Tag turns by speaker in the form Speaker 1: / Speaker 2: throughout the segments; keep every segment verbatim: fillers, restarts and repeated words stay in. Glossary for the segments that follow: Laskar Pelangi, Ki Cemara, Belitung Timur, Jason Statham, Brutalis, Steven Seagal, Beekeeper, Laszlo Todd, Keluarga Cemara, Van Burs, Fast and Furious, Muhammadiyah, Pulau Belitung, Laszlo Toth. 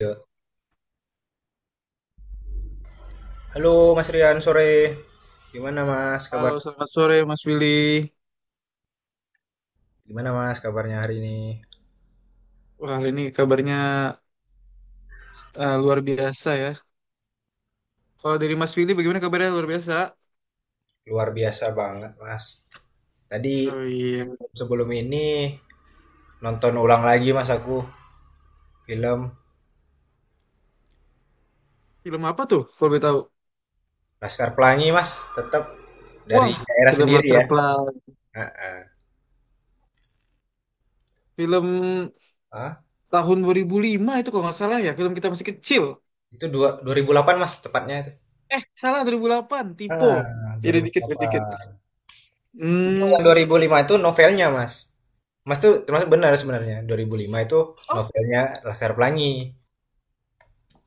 Speaker 1: Ya. Halo Mas Rian, sore. Gimana Mas
Speaker 2: Halo,
Speaker 1: kabar?
Speaker 2: selamat sore Mas Willy.
Speaker 1: Gimana Mas kabarnya hari ini?
Speaker 2: Wah, hari ini kabarnya eh, luar biasa ya. Kalau dari Mas Willy bagaimana kabarnya luar biasa?
Speaker 1: Luar biasa banget Mas. Tadi
Speaker 2: Oh iya.
Speaker 1: sebelum ini nonton ulang lagi Mas aku film
Speaker 2: Film apa tuh kalau boleh tahu?
Speaker 1: Laskar Pelangi Mas, tetap dari
Speaker 2: Wah,
Speaker 1: daerah
Speaker 2: film
Speaker 1: sendiri
Speaker 2: Laskar
Speaker 1: ya.
Speaker 2: Pelangi.
Speaker 1: Heeh.
Speaker 2: Film
Speaker 1: Ah,
Speaker 2: tahun dua ribu lima itu kalau nggak salah ya, film kita masih kecil.
Speaker 1: itu dua, dua ribu delapan Mas tepatnya itu.
Speaker 2: Eh, salah dua ribu delapan, typo.
Speaker 1: Ah,
Speaker 2: Ini dikit, dikit.
Speaker 1: dua ribu delapan. Itu
Speaker 2: Hmm.
Speaker 1: yang dua ribu lima itu novelnya Mas. Mas tuh termasuk benar sebenarnya. Dua ribu lima itu
Speaker 2: Oh,
Speaker 1: novelnya Laskar Pelangi.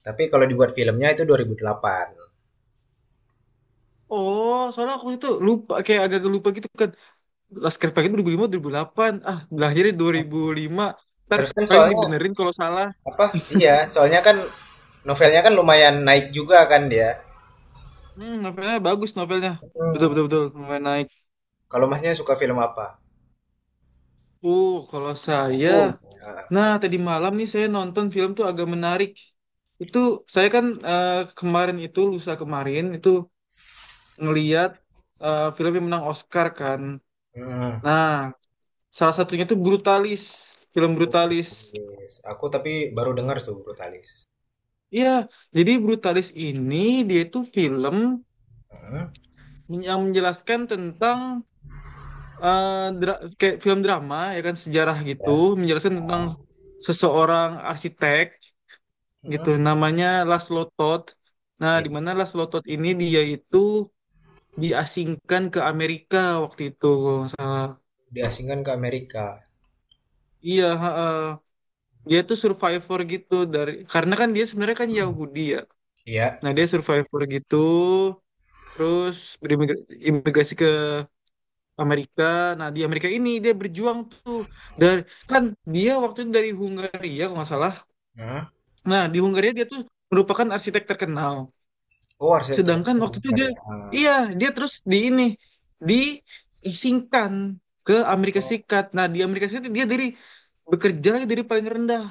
Speaker 1: Tapi kalau dibuat filmnya itu dua ribu delapan.
Speaker 2: oh, soalnya aku itu lupa, kayak agak lupa gitu kan. Laskar Pelangi itu dua ribu lima, dua ribu delapan. Ah, lahirnya dua ribu lima. Ntar
Speaker 1: Terus kan
Speaker 2: paling
Speaker 1: soalnya
Speaker 2: dibenerin kalau salah.
Speaker 1: apa? Iya, soalnya kan novelnya kan lumayan naik juga kan dia.
Speaker 2: Hmm, novelnya bagus novelnya. Betul,
Speaker 1: Hmm,
Speaker 2: betul, betul, novel naik.
Speaker 1: Kalau masnya suka film apa?
Speaker 2: Uh, kalau saya,
Speaker 1: aku Ah,
Speaker 2: nah tadi malam nih saya nonton film tuh agak menarik. Itu saya kan eh, kemarin itu lusa kemarin itu ngeliat eh, film yang menang Oscar kan.
Speaker 1: hmm.
Speaker 2: Nah, salah satunya tuh Brutalis, film Brutalis.
Speaker 1: Brutalis. Aku tapi baru dengar tuh Brutalis.
Speaker 2: Iya, jadi Brutalis ini dia itu film
Speaker 1: Hmm.
Speaker 2: yang menjelaskan tentang eh, dra- kayak film drama ya kan sejarah gitu,
Speaker 1: Ya.
Speaker 2: menjelaskan tentang seseorang arsitek gitu
Speaker 1: Hmm.
Speaker 2: namanya Laszlo Todd. Nah, di
Speaker 1: Iya.
Speaker 2: mana Laszlo Todd ini dia itu diasingkan ke Amerika waktu itu kalau nggak salah.
Speaker 1: Diasingkan ke Amerika.
Speaker 2: Iya, ha, ha. Dia tuh survivor gitu dari, karena kan dia sebenarnya kan Yahudi ya.
Speaker 1: Iya.
Speaker 2: Nah, dia survivor gitu terus berimigrasi ke Amerika. Nah, di Amerika ini dia berjuang tuh dari, kan dia waktu itu dari Hungaria kalau nggak salah.
Speaker 1: Hmm.
Speaker 2: Nah, di Hungaria dia tuh merupakan arsitek terkenal.
Speaker 1: Oh, harusnya
Speaker 2: Sedangkan waktu itu
Speaker 1: terkenal
Speaker 2: dia,
Speaker 1: ya. Ah.
Speaker 2: iya, dia terus di ini, diisingkan ke Amerika Serikat. Nah, di Amerika Serikat dia dari bekerja lagi dari paling rendah.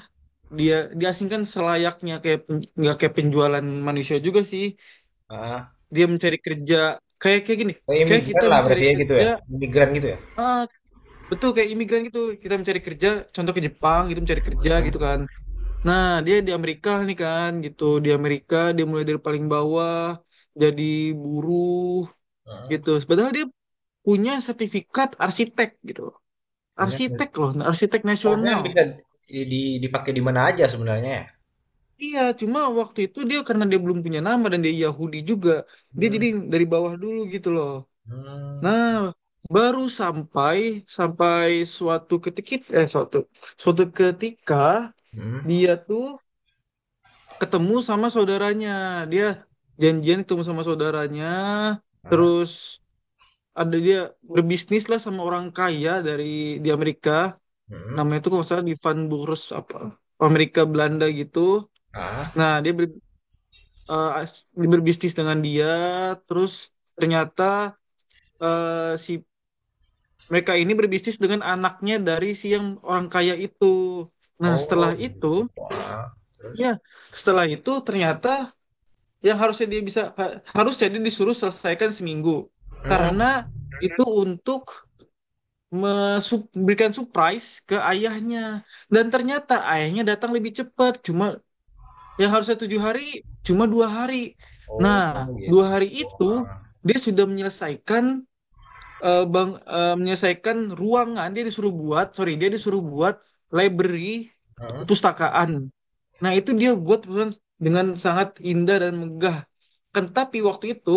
Speaker 2: Dia diasingkan selayaknya kayak pen- nggak kayak penjualan manusia juga sih.
Speaker 1: Ah.
Speaker 2: Dia mencari kerja kayak kayak gini,
Speaker 1: Oh,
Speaker 2: kayak kita
Speaker 1: imigran lah
Speaker 2: mencari
Speaker 1: berarti ya gitu
Speaker 2: kerja,
Speaker 1: ya. Imigran gitu ya.
Speaker 2: ah, betul kayak imigran gitu. Kita mencari kerja, contoh ke Jepang gitu mencari kerja gitu kan. Nah, dia di Amerika nih kan gitu. Di Amerika dia mulai dari paling bawah jadi buruh
Speaker 1: Hmm.
Speaker 2: gitu. Padahal dia punya sertifikat arsitek gitu, loh.
Speaker 1: Punya.
Speaker 2: Arsitek loh, arsitek
Speaker 1: Harusnya kan
Speaker 2: nasional.
Speaker 1: bisa di- di- dipakai di mana aja sebenarnya ya.
Speaker 2: Iya, cuma waktu itu dia karena dia belum punya nama dan dia Yahudi juga, dia
Speaker 1: Hmm.
Speaker 2: jadi dari bawah dulu gitu loh.
Speaker 1: Hmm,
Speaker 2: Nah, baru sampai sampai suatu ketika, eh suatu suatu ketika
Speaker 1: hmm,
Speaker 2: dia tuh ketemu sama saudaranya, dia janjian ketemu sama saudaranya,
Speaker 1: ah,
Speaker 2: terus ada dia berbisnis lah sama orang kaya dari di Amerika.
Speaker 1: hmm,
Speaker 2: Namanya itu kalau nggak salah di Van Burs apa, Amerika Belanda gitu.
Speaker 1: ah,
Speaker 2: Nah dia ber- eh, as- dia berbisnis dengan dia, terus ternyata eh, si mereka ini berbisnis dengan anaknya dari si yang orang kaya itu. Nah
Speaker 1: oh
Speaker 2: setelah itu
Speaker 1: gitu, heeh, terus?
Speaker 2: ya setelah itu ternyata yang harusnya dia bisa ha- harusnya dia disuruh selesaikan seminggu,
Speaker 1: Hmm,
Speaker 2: karena itu untuk memberikan surprise ke ayahnya, dan ternyata ayahnya datang lebih cepat. Cuma yang harusnya tujuh hari cuma dua hari.
Speaker 1: oh
Speaker 2: Nah, dua
Speaker 1: gitu,
Speaker 2: hari itu
Speaker 1: heeh,
Speaker 2: dia sudah menyelesaikan, eh, bang eh, menyelesaikan ruangan dia disuruh buat sorry dia disuruh buat library,
Speaker 1: hmm,
Speaker 2: pustakaan. Nah, itu dia buat perusahaan dengan sangat indah dan megah. Kan tapi waktu itu,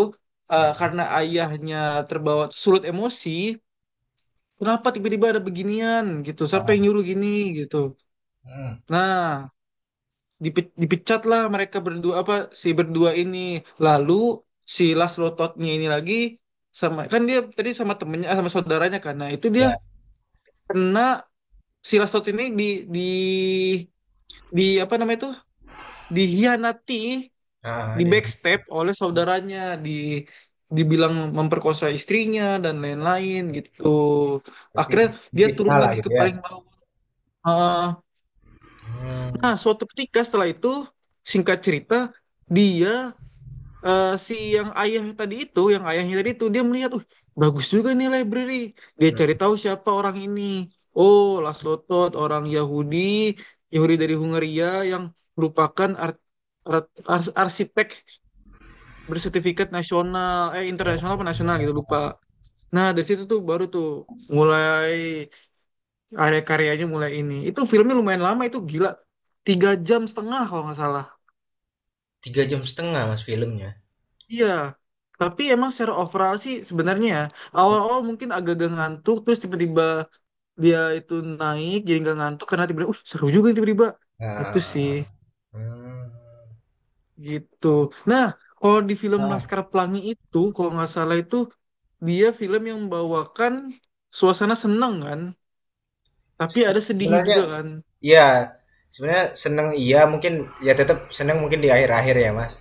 Speaker 2: eh,
Speaker 1: mhm,
Speaker 2: karena ayahnya terbawa sulut emosi, kenapa tiba-tiba ada beginian gitu? Siapa yang
Speaker 1: heeh,
Speaker 2: nyuruh gini gitu?
Speaker 1: mhm,
Speaker 2: Nah, dipe- dipecatlah mereka berdua, apa, si berdua ini. Lalu si Laszlo Todd-nya ini lagi sama, kan dia tadi sama temennya, eh, sama saudaranya kan. Nah, itu dia
Speaker 1: iya,
Speaker 2: kena, si Laszlo Todd ini di di di apa namanya itu, dihianati,
Speaker 1: heeh,
Speaker 2: di
Speaker 1: di
Speaker 2: backstep oleh saudaranya, di dibilang memperkosa istrinya dan lain-lain gitu.
Speaker 1: berarti
Speaker 2: Akhirnya dia
Speaker 1: di
Speaker 2: turun
Speaker 1: lah
Speaker 2: lagi ke
Speaker 1: gitu ya?
Speaker 2: paling bawah. Ah,
Speaker 1: Hmm,
Speaker 2: nah suatu ketika setelah itu, singkat cerita, dia, eh, si yang ayah tadi itu yang ayahnya tadi itu dia melihat, uh bagus juga nih library. Dia cari
Speaker 1: hmm.
Speaker 2: tahu siapa orang ini. Oh, Laszlo Toth, orang Yahudi, Yahudi dari Hungaria, yang merupakan ar- ar- ars- arsitek bersertifikat nasional, eh
Speaker 1: Oh
Speaker 2: internasional apa nasional gitu, lupa.
Speaker 1: iya.
Speaker 2: Nah dari situ tuh baru tuh mulai, area karyanya mulai ini itu. Filmnya lumayan lama itu, gila, tiga jam setengah kalau nggak salah.
Speaker 1: tiga koma lima jam setengah Mas filmnya?
Speaker 2: Iya, tapi emang secara overall sih sebenarnya ya, awal-awal mungkin agak-agak ngantuk, terus tiba-tiba dia itu naik jadi nggak ngantuk karena tiba-tiba, uh seru juga nih tiba-tiba. Itu sih
Speaker 1: Ah, hmm.
Speaker 2: gitu. Nah, kalau di film
Speaker 1: Ah,
Speaker 2: Laskar Pelangi itu kalau nggak salah itu dia film yang membawakan suasana senang kan, tapi
Speaker 1: se
Speaker 2: ada sedihnya
Speaker 1: sebenarnya
Speaker 2: juga kan.
Speaker 1: ya, sebenarnya seneng iya mungkin ya tetap seneng mungkin di akhir-akhir ya Mas,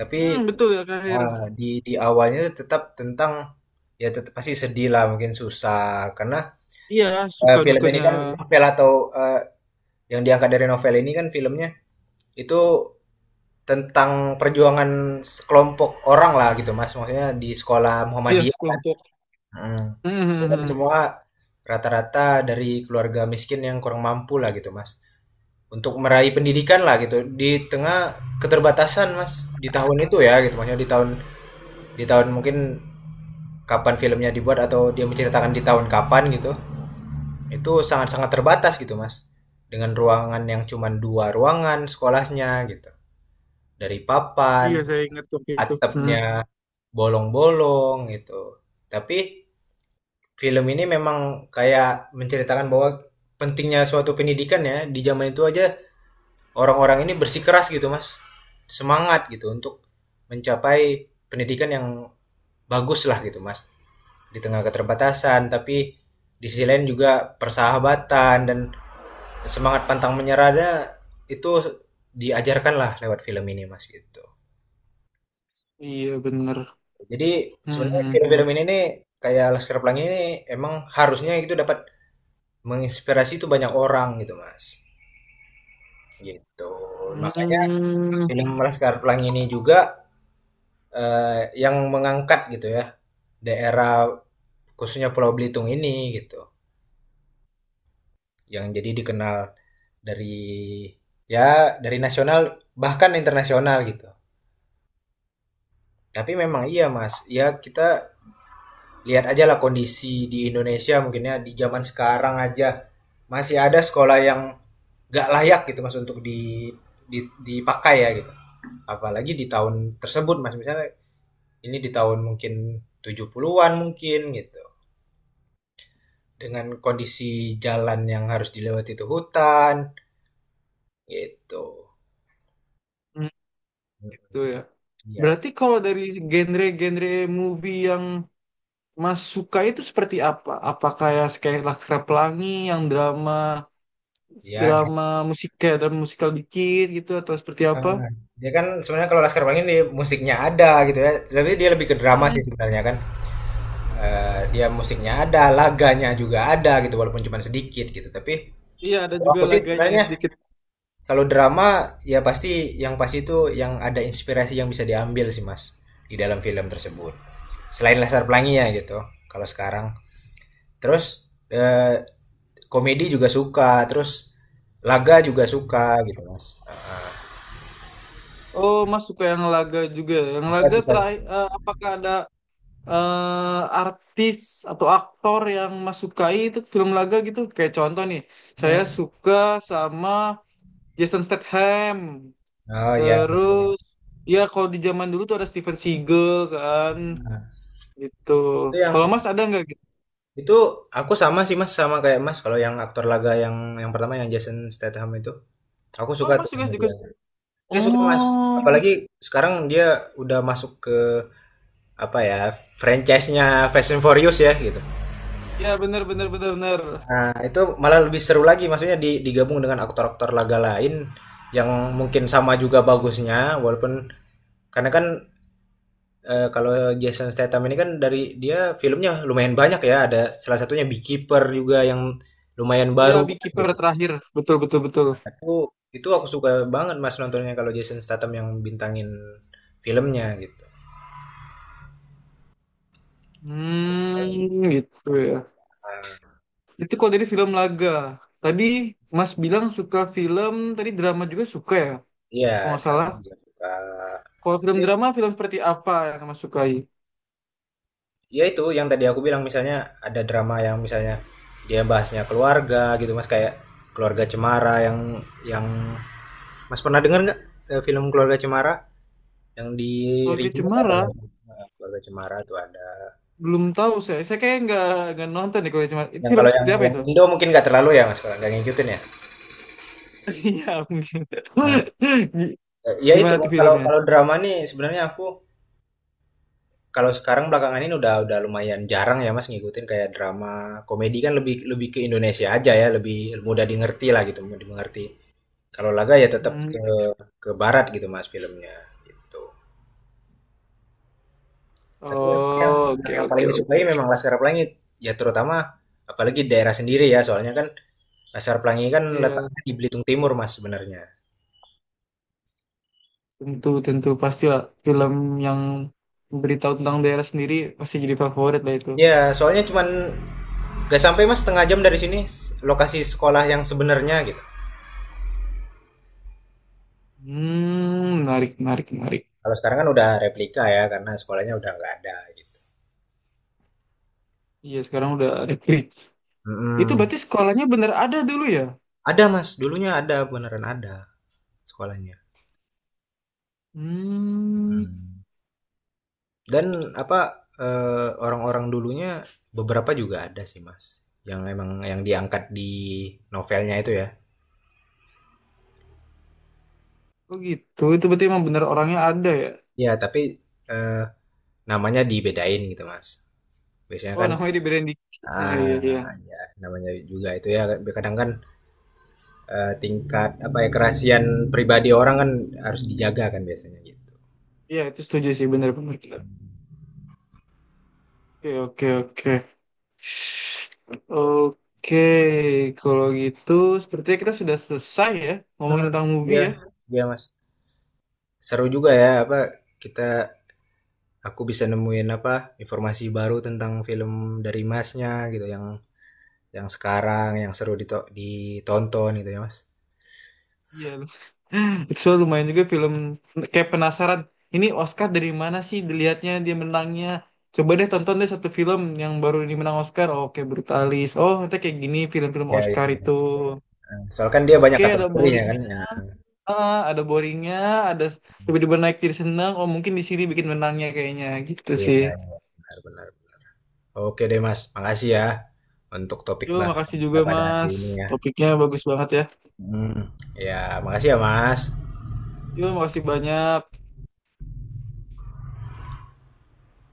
Speaker 1: tapi.
Speaker 2: Hmm, betul ya Kak Hair.
Speaker 1: Ah, di di awalnya tetap tentang ya tetap pasti sedih lah mungkin susah karena
Speaker 2: Iya, suka
Speaker 1: eh, film ini
Speaker 2: dukanya.
Speaker 1: kan novel atau eh, yang diangkat dari novel ini kan filmnya itu tentang perjuangan sekelompok orang lah gitu Mas maksudnya di sekolah
Speaker 2: Iya,
Speaker 1: Muhammadiyah.
Speaker 2: sekelompok.
Speaker 1: Mm.
Speaker 2: Hmm,
Speaker 1: Itu
Speaker 2: hmm,
Speaker 1: kan
Speaker 2: hmm, hmm.
Speaker 1: semua rata-rata dari keluarga miskin yang kurang mampu lah gitu Mas. Untuk meraih pendidikan lah gitu di tengah keterbatasan Mas, di tahun itu ya gitu, maksudnya di tahun di tahun mungkin kapan filmnya dibuat atau dia menceritakan di tahun kapan gitu, itu sangat-sangat terbatas gitu mas, dengan ruangan yang cuma dua ruangan sekolahnya gitu, dari
Speaker 2: Iya,
Speaker 1: papan,
Speaker 2: saya ingat waktu itu. Hmm.
Speaker 1: atapnya bolong-bolong gitu. Tapi film ini memang kayak menceritakan bahwa pentingnya suatu pendidikan ya, di zaman itu aja orang-orang ini bersikeras gitu mas, semangat gitu untuk mencapai pendidikan yang bagus lah gitu mas, di tengah keterbatasan. Tapi di sisi lain juga persahabatan dan semangat pantang menyerah itu diajarkan lah lewat film ini mas gitu.
Speaker 2: Iya, bener.
Speaker 1: Jadi sebenarnya
Speaker 2: Hmm, hmm, hmm.
Speaker 1: film-film ini nih kayak Laskar Pelangi ini emang harusnya itu dapat menginspirasi itu banyak orang gitu mas gitu. Makanya
Speaker 2: Hmm,
Speaker 1: film Laskar Pelangi ini juga eh, yang mengangkat gitu ya daerah khususnya Pulau Belitung ini gitu, yang jadi dikenal dari ya dari nasional bahkan internasional gitu. Tapi memang iya Mas, ya kita lihat aja lah kondisi di Indonesia mungkinnya di zaman sekarang aja masih ada sekolah yang gak layak gitu Mas untuk di, di- dipakai ya gitu. Apalagi di tahun tersebut Mas, misalnya ini di tahun mungkin tujuh puluh-an mungkin gitu. Dengan kondisi jalan yang harus dilewati itu hutan gitu.
Speaker 2: hmm. Gitu ya.
Speaker 1: Ya,
Speaker 2: Berarti kalau dari genre-genre movie yang Mas suka itu seperti apa? Apa kayak kayak Laskar Pelangi yang drama
Speaker 1: ya.
Speaker 2: drama musik, kayak drama musikal dikit gitu, atau seperti apa?
Speaker 1: Eee, Dia kan sebenarnya kalau Laskar Pelangi dia musiknya ada gitu ya, tapi dia lebih ke drama sih sebenarnya kan. eee, Dia musiknya ada, laganya juga ada gitu walaupun cuma sedikit gitu. Tapi
Speaker 2: Iya, ada
Speaker 1: kalau
Speaker 2: juga
Speaker 1: aku sih
Speaker 2: laganya yang
Speaker 1: sebenarnya
Speaker 2: sedikit.
Speaker 1: kalau drama ya pasti, yang pasti itu yang ada inspirasi yang bisa diambil sih Mas, di dalam film tersebut. Selain Laskar Pelangi ya gitu kalau sekarang. Terus, eee, komedi juga suka, terus laga juga suka gitu Mas, heeh.
Speaker 2: Oh, Mas suka yang laga juga. Yang
Speaker 1: Laga
Speaker 2: laga
Speaker 1: suka.
Speaker 2: terakhir, eh, apakah ada eh, artis atau aktor yang Mas sukai itu film laga gitu? Kayak contoh nih, saya
Speaker 1: Mhm,
Speaker 2: suka sama Jason Statham.
Speaker 1: oh iya. Iya, iya.
Speaker 2: Terus, ya kalau di zaman dulu tuh ada Steven Seagal kan,
Speaker 1: Nah,
Speaker 2: gitu.
Speaker 1: itu yang
Speaker 2: Kalau Mas ada nggak gitu?
Speaker 1: itu aku sama sih Mas sama kayak Mas, kalau yang aktor laga yang yang pertama yang Jason Statham itu aku suka
Speaker 2: Oh,
Speaker 1: tuh
Speaker 2: Mas juga
Speaker 1: sama
Speaker 2: juga.
Speaker 1: dia. Dia suka Mas.
Speaker 2: Oh,
Speaker 1: Apalagi sekarang dia udah masuk ke apa ya franchise-nya Fast and Furious ya gitu.
Speaker 2: ya benar, benar, benar, benar.
Speaker 1: Nah, itu malah lebih seru lagi maksudnya di- digabung dengan aktor-aktor laga lain yang mungkin sama juga bagusnya, walaupun karena kan. Eh, kalau Jason Statham ini kan dari dia filmnya lumayan banyak ya. Ada salah satunya Beekeeper juga yang lumayan
Speaker 2: Iya,
Speaker 1: baru
Speaker 2: Beekeeper
Speaker 1: gitu.
Speaker 2: terakhir. Betul, betul, betul.
Speaker 1: Aku itu aku suka banget Mas nontonnya kalau Jason Statham yang bintangin filmnya gitu.
Speaker 2: Hmm, gitu ya.
Speaker 1: Ah,
Speaker 2: Itu kalau dari film laga. Tadi Mas bilang suka film, tadi drama juga suka ya,
Speaker 1: iya,
Speaker 2: kalau nggak salah.
Speaker 1: drama juga suka.
Speaker 2: Kalau film
Speaker 1: Tapi,
Speaker 2: drama, film seperti apa yang Mas sukai?
Speaker 1: ya itu yang tadi aku bilang misalnya ada drama yang misalnya dia bahasnya keluarga gitu Mas, kayak Keluarga Cemara yang yang Mas pernah dengar nggak eh, film Keluarga Cemara? Yang di
Speaker 2: Kalau Ki
Speaker 1: remake apa
Speaker 2: Cemara,
Speaker 1: yang, heeh, Keluarga Cemara tuh ada.
Speaker 2: belum tahu saya. Saya kayak nggak nggak nonton deh kalau Ki Cemara. Itu
Speaker 1: Yang
Speaker 2: film
Speaker 1: kalau yang
Speaker 2: seperti apa
Speaker 1: yang
Speaker 2: itu?
Speaker 1: Indo mungkin nggak terlalu ya Mas, kalau nggak ngikutin ya?
Speaker 2: Iya, mungkin.
Speaker 1: Nah,
Speaker 2: Gi-
Speaker 1: eee, ya itu
Speaker 2: Gimana tuh
Speaker 1: Mas, kalau
Speaker 2: filmnya?
Speaker 1: kalau drama nih sebenarnya aku kalau sekarang belakangan ini udah udah lumayan jarang ya Mas, ngikutin kayak drama komedi kan lebih lebih ke Indonesia aja ya, lebih mudah dimengerti lah gitu, mudah dimengerti. Kalau laga ya tetap
Speaker 2: Hmm.
Speaker 1: ke ke barat gitu Mas, filmnya, gitu. Tapi yang
Speaker 2: Oh, oke,
Speaker 1: yang
Speaker 2: oke,
Speaker 1: paling disukai
Speaker 2: oke.
Speaker 1: memang Laskar Pelangi, ya terutama apalagi daerah sendiri ya, soalnya kan Laskar Pelangi kan
Speaker 2: Iya,
Speaker 1: letaknya di Belitung Timur, Mas, sebenarnya.
Speaker 2: tentu, tentu. Pasti lah film yang beritahu tentang daerah sendiri pasti jadi favorit lah itu.
Speaker 1: Ya, soalnya cuman gak sampai Mas setengah jam dari sini s- lokasi sekolah yang sebenarnya gitu.
Speaker 2: Hmm, menarik, menarik, menarik.
Speaker 1: Kalau sekarang kan udah replika ya karena sekolahnya udah nggak ada gitu.
Speaker 2: Iya, sekarang udah ada klik. Itu
Speaker 1: Mm-mm.
Speaker 2: berarti sekolahnya bener ada dulu ya?
Speaker 1: Ada Mas, dulunya ada beneran ada sekolahnya.
Speaker 2: Hmm,
Speaker 1: Mm. Dan apa, eh, orang-orang dulunya beberapa juga ada sih Mas, yang emang yang diangkat di novelnya itu ya.
Speaker 2: oh gitu. Itu berarti emang bener orangnya ada ya?
Speaker 1: Ya tapi eh, namanya dibedain gitu Mas. Biasanya
Speaker 2: Oh,
Speaker 1: kan.
Speaker 2: namanya diberain di... Ah, iya, iya.
Speaker 1: Ah, ya namanya juga itu ya kadang kan, eee, tingkat apa ya, kerahasiaan pribadi orang kan harus dijaga kan biasanya gitu.
Speaker 2: Iya, itu setuju sih, bener, bener, bener. Oke, oke, oke. Oke, kalau gitu sepertinya kita sudah selesai ya ngomongin
Speaker 1: Mhm,
Speaker 2: tentang movie
Speaker 1: iya,
Speaker 2: ya.
Speaker 1: iya, Mas. Seru juga ya apa, kita, aku bisa nemuin apa, informasi baru tentang film dari Masnya gitu yang yang sekarang yang seru dito ditonton gitu ya, Mas.
Speaker 2: Iya, so, lumayan juga film, kayak penasaran. Ini Oscar dari mana sih dilihatnya dia menangnya? Coba deh tonton deh satu film yang baru ini menang Oscar. Oh, oke, Brutalis. Oh, nanti kayak gini film-film
Speaker 1: Ya, ya,
Speaker 2: Oscar itu.
Speaker 1: iya, soalnya kan dia banyak
Speaker 2: Oke, ada
Speaker 1: kategorinya kan,
Speaker 2: boringnya,
Speaker 1: ya.
Speaker 2: ah, ada boringnya, ada s- tiba-tiba naik jadi senang. Oh, mungkin di sini bikin menangnya kayaknya gitu
Speaker 1: Iya,
Speaker 2: sih.
Speaker 1: iya, benar, benar. Oke deh, Mas, makasih ya untuk topik
Speaker 2: Yo,
Speaker 1: bahasan
Speaker 2: makasih
Speaker 1: kita
Speaker 2: juga
Speaker 1: pada hari
Speaker 2: Mas.
Speaker 1: ini ya.
Speaker 2: Topiknya bagus banget ya.
Speaker 1: Hmm. Ya, makasih ya Mas.
Speaker 2: Yo, makasih banyak.